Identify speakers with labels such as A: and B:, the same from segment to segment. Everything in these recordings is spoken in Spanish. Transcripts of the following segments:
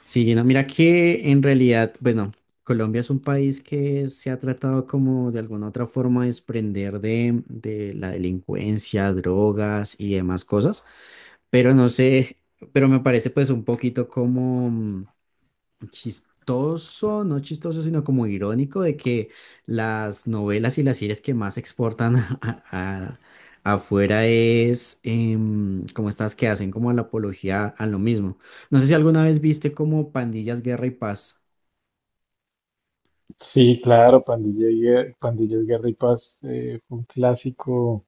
A: Sí, no, mira que en realidad, bueno, Colombia es un país que se ha tratado como de alguna otra forma de desprender de la delincuencia, drogas y demás cosas, pero no sé, pero me parece pues un poquito como, chistoso, no chistoso, sino como irónico de que las novelas y las series que más exportan a- a- afuera es como estas que hacen como la apología a lo mismo. No sé si alguna vez viste como Pandillas, Guerra y Paz.
B: Sí, claro, Pandilla Guerra y Paz, fue un clásico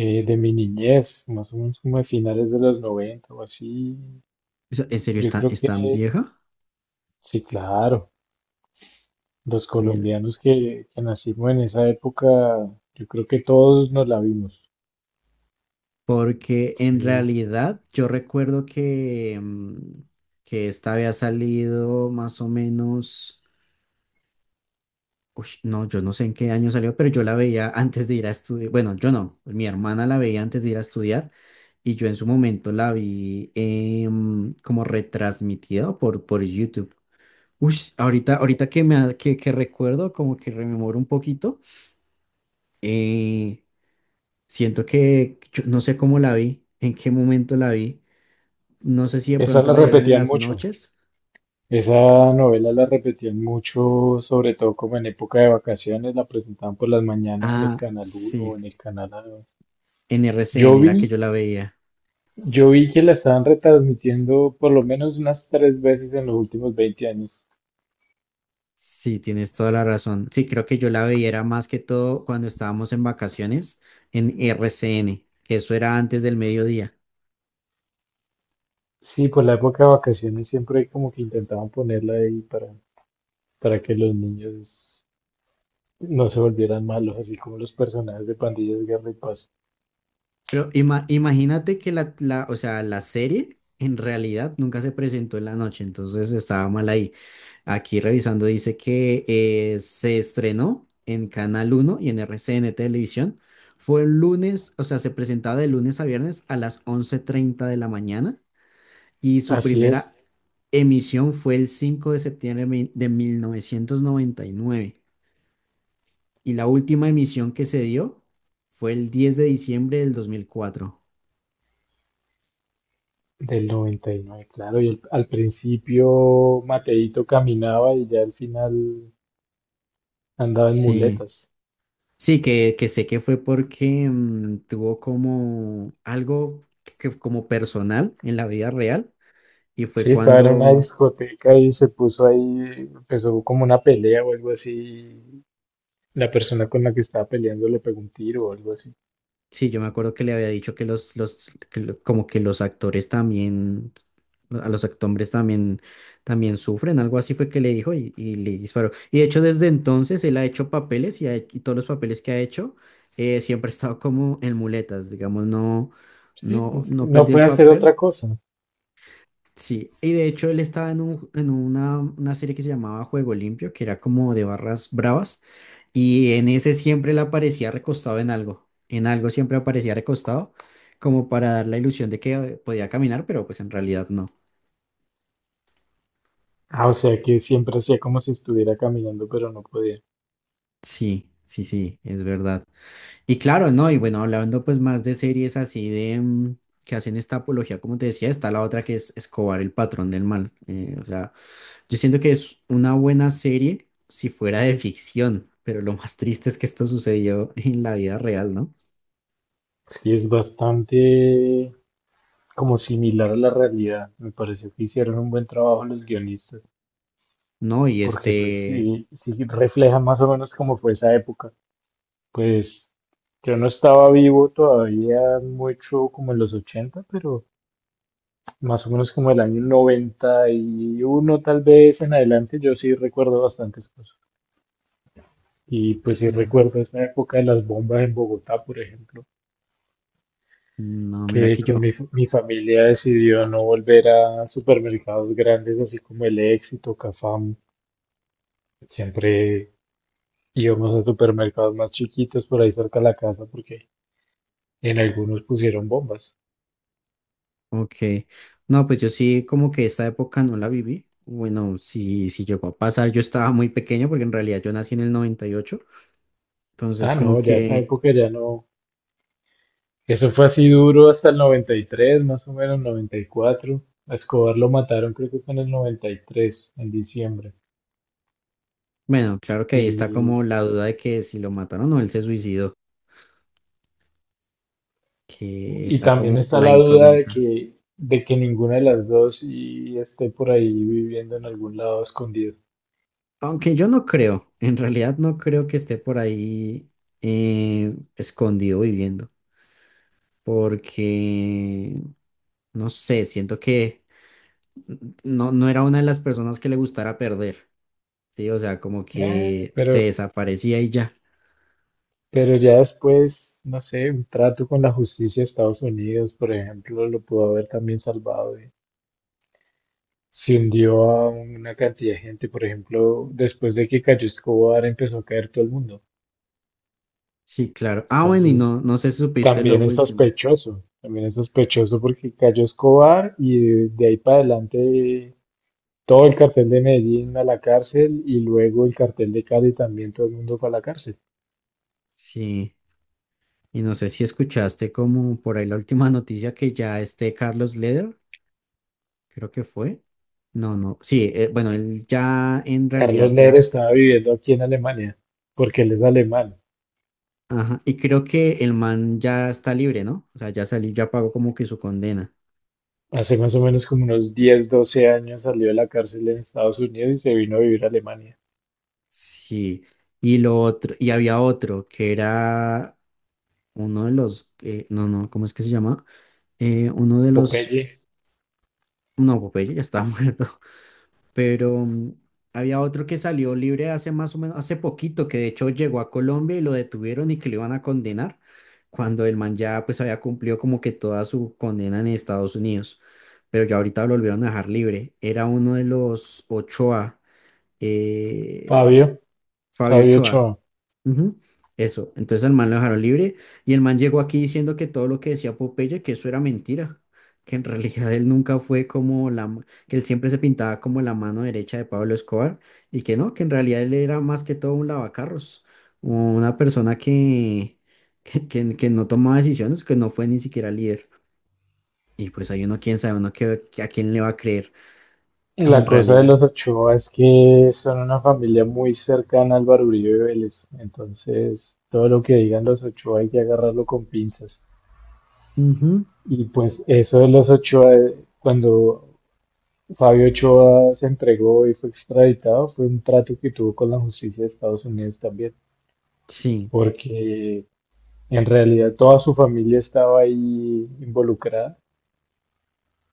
B: de mi niñez, más o menos como de finales de los 90 o así.
A: O sea, ¿en serio
B: Yo creo
A: es
B: que
A: tan vieja?
B: sí, claro, los
A: Mira,
B: colombianos que nacimos en esa época, yo creo que todos nos la vimos.
A: porque en
B: Fue-
A: realidad yo recuerdo que, que esta había salido más o menos. Uy, no, yo no sé en qué año salió, pero yo la veía antes de ir a estudiar. Bueno, yo no, mi hermana la veía antes de ir a estudiar y yo en su momento la vi como retransmitida por YouTube. Ush, ahorita, ahorita que, me, que recuerdo, como que rememoro un poquito, eh, siento que yo no sé cómo la vi, en qué momento la vi. No sé si de
B: Esa
A: pronto
B: la
A: la dieron en
B: repetían
A: las
B: mucho,
A: noches.
B: esa novela la repetían mucho, sobre todo como en época de vacaciones, la presentaban por las mañanas en el
A: Ah,
B: Canal Uno
A: sí,
B: o en el Canal A.
A: en
B: Yo
A: RCN
B: vi
A: era que yo la veía.
B: Yo vi que la estaban retransmitiendo por lo menos unas tres veces en los últimos veinte años.
A: Sí, tienes toda la razón. Sí, creo que yo la veía era más que todo cuando estábamos en vacaciones en RCN, que eso era antes del mediodía.
B: Sí, por la época de vacaciones siempre como que intentaban ponerla ahí para que los niños no se volvieran malos, así como los personajes de Pandillas, Guerra y Paz.
A: Pero imagínate que o sea, la serie en realidad nunca se presentó en la noche, entonces estaba mal ahí. Aquí revisando dice que se estrenó en Canal Uno y en RCN Televisión. Fue el lunes, o sea, se presentaba de lunes a viernes a las 11:30 de la mañana y su
B: Así
A: primera
B: es,
A: emisión fue el 5 de septiembre de novecientos noventa y nueve y la última emisión que se dio fue el 10 de diciembre del 2004.
B: del noventa y nueve, claro. Al principio Mateito caminaba y ya al final andaba en
A: Sí,
B: muletas.
A: sí, que sé que fue porque tuvo como algo que como personal en la vida real y fue
B: Sí, estaba en una
A: cuando.
B: discoteca y se puso ahí, empezó como una pelea o algo así. La persona con la que estaba peleando le pegó un tiro o algo así.
A: Sí, yo me acuerdo que le había dicho que que como que los actores también, a los actores también, también sufren, algo así fue que le dijo y le disparó. Y de hecho desde entonces él ha hecho papeles y, y todos los papeles que ha hecho siempre ha estado como en muletas, digamos, no,
B: Sí,
A: no,
B: pues
A: no
B: no
A: perdió el
B: puede hacer
A: papel.
B: otra cosa.
A: Sí, y de hecho él estaba en una serie que se llamaba Juego Limpio, que era como de barras bravas, y en ese siempre le aparecía recostado en algo siempre aparecía recostado, como para dar la ilusión de que podía caminar, pero pues en realidad no.
B: Ah, o sea que siempre hacía como si estuviera caminando, pero no podía.
A: Sí, sí, sí, es verdad. Y claro, no, y bueno, hablando pues más de series así de que hacen esta apología, como te decía, está la otra que es Escobar, el patrón del mal, o sea... Yo siento que es una buena serie si fuera de ficción, pero lo más triste es que esto sucedió en la vida real, ¿no?
B: Sí, es bastante como similar a la realidad. Me pareció que hicieron un buen trabajo los guionistas,
A: No, y
B: porque pues
A: este,
B: sí, sí refleja más o menos cómo fue esa época. Pues yo no estaba vivo todavía mucho como en los ochenta, pero más o menos como el año 91 tal vez en adelante, yo sí recuerdo bastantes cosas. Y pues sí
A: sí,
B: recuerdo esa época de las bombas en Bogotá, por ejemplo,
A: no, mira
B: que
A: que yo,
B: con mi familia decidió no volver a supermercados grandes así como El Éxito, Cafam. Siempre íbamos a supermercados más chiquitos por ahí cerca de la casa porque en algunos pusieron bombas.
A: ok, no, pues yo sí como que esta época no la viví, bueno, si, si llegó a pasar, yo estaba muy pequeño porque en realidad yo nací en el 98 entonces
B: Ah,
A: como
B: no, ya esa
A: que,
B: época ya no. Eso fue así duro hasta el 93, más o menos 94. A Escobar lo mataron, creo que fue en el 93, en diciembre.
A: bueno, claro que ahí está
B: Y
A: como la duda de que si lo mataron o él se suicidó, que
B: y
A: está
B: también
A: como
B: está
A: la
B: la duda
A: incógnita.
B: de que ninguna de las dos y esté por ahí viviendo en algún lado escondido.
A: Aunque yo no creo, en realidad no creo que esté por ahí escondido viviendo, porque no sé, siento que no, no era una de las personas que le gustara perder, ¿sí? O sea, como
B: Eh,
A: que se
B: pero,
A: desaparecía y ya.
B: pero ya después, no sé, un trato con la justicia de Estados Unidos, por ejemplo, lo pudo haber también salvado. Se hundió a una cantidad de gente, por ejemplo, después de que cayó Escobar empezó a caer todo el mundo.
A: Sí, claro. Ah, bueno, y
B: Entonces,
A: no, no sé si supiste lo último.
B: también es sospechoso porque Cayo Escobar y de ahí para adelante todo el cartel de Medellín a la cárcel, y luego el cartel de Cali también, todo el mundo fue a la cárcel.
A: Sí, y no sé si escuchaste como por ahí la última noticia que ya este Carlos Leder, creo que fue. No, no, sí, bueno, él ya en
B: Carlos
A: realidad
B: Ler
A: ya.
B: estaba viviendo aquí en Alemania porque él es alemán.
A: Ajá, y creo que el man ya está libre, ¿no? O sea, ya salió, ya pagó como que su condena.
B: Hace más o menos como unos 10, 12 años salió de la cárcel en Estados Unidos y se vino a vivir a Alemania.
A: Sí. Y lo otro, y había otro que era uno de los, no, no, ¿cómo es que se llama? Uno de los,
B: Popeye,
A: no, Popeye ya estaba muerto. Pero había otro que salió libre hace más o menos, hace poquito, que de hecho llegó a Colombia y lo detuvieron y que lo iban a condenar, cuando el man ya pues había cumplido como que toda su condena en Estados Unidos, pero ya ahorita lo volvieron a dejar libre. Era uno de los Ochoa, eh,
B: Fabio,
A: Fabio
B: Fabio
A: Ochoa.
B: Ochoa.
A: Ujú, eso, entonces al man lo dejaron libre y el man llegó aquí diciendo que todo lo que decía Popeye, que eso era mentira, que en realidad él nunca fue como que él siempre se pintaba como la mano derecha de Pablo Escobar y que no, que en realidad él era más que todo un lavacarros, una persona que, que, que no tomaba decisiones, que no fue ni siquiera líder. Y pues hay uno, quién sabe, uno que a quién le va a creer
B: La
A: en
B: cosa de
A: realidad.
B: los Ochoa es que son una familia muy cercana al Álvaro Uribe Vélez, entonces todo lo que digan los Ochoa hay que agarrarlo con pinzas.
A: Ujú,
B: Y pues eso de los Ochoa, cuando Fabio Ochoa se entregó y fue extraditado, fue un trato que tuvo con la justicia de Estados Unidos también,
A: sí,
B: porque en realidad toda su familia estaba ahí involucrada.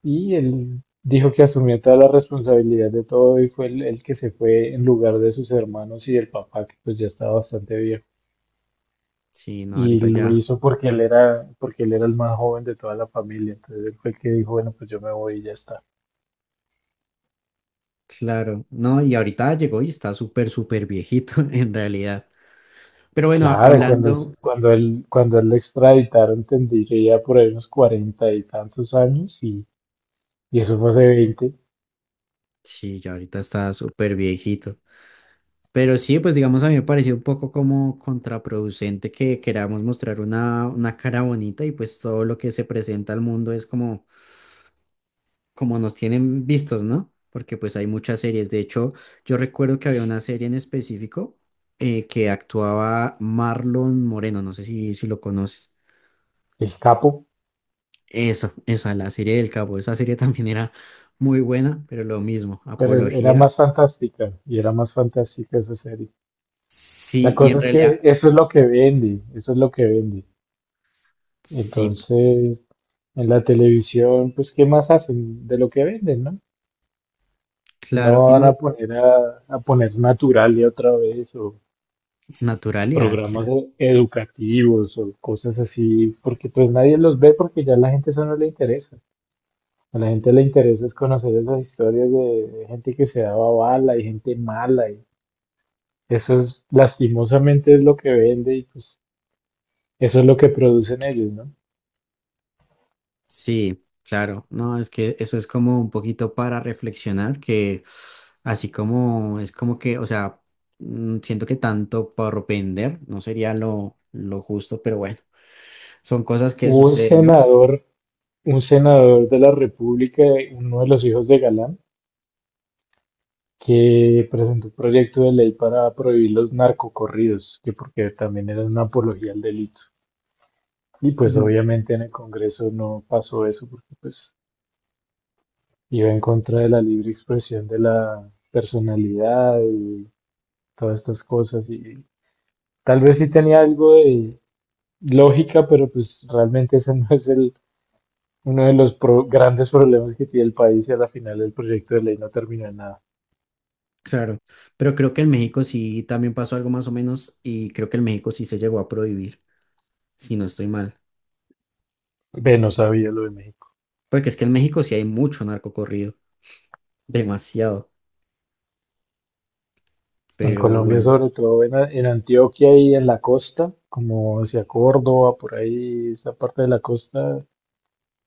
B: Y él dijo que asumía toda la responsabilidad de todo y fue el que se fue en lugar de sus hermanos y del papá, que pues ya estaba bastante viejo.
A: sí, no,
B: Y
A: ahorita
B: lo
A: ya.
B: hizo porque porque él era el más joven de toda la familia. Entonces él fue el que dijo, bueno, pues yo me voy y ya está.
A: Claro, no, y ahorita llegó y está súper, súper viejito en realidad. Pero bueno,
B: Claro,
A: hablando,
B: cuando él lo extraditaron, entendí que ya por ahí unos cuarenta y tantos años, y eso fue hace veinte.
A: sí, ya ahorita está súper viejito. Pero sí, pues digamos, a mí me pareció un poco como contraproducente que queramos mostrar una cara bonita y pues todo lo que se presenta al mundo es como, como nos tienen vistos, ¿no? Porque pues hay muchas series. De hecho, yo recuerdo que había una serie en específico que actuaba Marlon Moreno, no sé si, si lo conoces.
B: El Capo,
A: Esa, la serie del Capo, esa serie también era muy buena, pero lo mismo,
B: pero era
A: apología,
B: más fantástica, y era más fantástica esa serie. La
A: sí, y
B: cosa
A: en
B: es que
A: realidad,
B: eso es lo que vende, eso es lo que vende.
A: sí,
B: Entonces, en la televisión, pues ¿qué más hacen de lo que venden, no? No
A: claro, y
B: van a
A: no,
B: poner a poner Naturalia otra vez o
A: naturalidad, que
B: programas
A: era.
B: educativos o cosas así, porque pues nadie los ve porque ya a la gente eso no le interesa. A la gente le interesa es conocer esas historias de gente que se daba bala y gente mala, y eso es lastimosamente es lo que vende y pues eso es lo que producen ellos, ¿no?
A: Sí, claro, no, es que eso es como un poquito para reflexionar, que así como es como que, o sea, siento que tanto por vender no sería lo justo, pero bueno, son cosas que
B: Hubo
A: suceden, ¿no?
B: un senador de la República, uno de los hijos de Galán, que presentó un proyecto de ley para prohibir los narcocorridos, que porque también era una apología al delito. Y pues obviamente en el Congreso no pasó eso porque pues iba en contra de la libre expresión de la personalidad y todas estas cosas. Y tal vez sí tenía algo de lógica, pero pues realmente ese no es el uno de los grandes problemas que tiene el país, y a la final el proyecto de ley no terminó en nada.
A: Claro, pero creo que en México sí también pasó algo más o menos y creo que en México sí se llegó a prohibir, si no estoy mal.
B: Ve, no sabía lo de México.
A: Porque es que en México sí hay mucho narco corrido, demasiado,
B: En
A: pero
B: Colombia,
A: bueno,
B: sobre todo en en Antioquia y en la costa, como hacia Córdoba, por ahí, esa parte de la costa,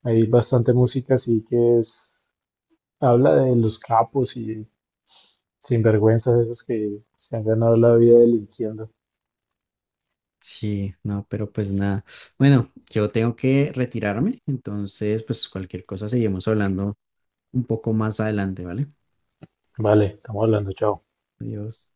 B: hay bastante música así, que es, habla de los capos y sinvergüenzas esos que se han ganado la vida delinquiendo.
A: sí, no, pero pues nada. Bueno, yo tengo que retirarme, entonces pues cualquier cosa seguimos hablando un poco más adelante, ¿vale?
B: Vale, estamos hablando, chao.
A: Adiós.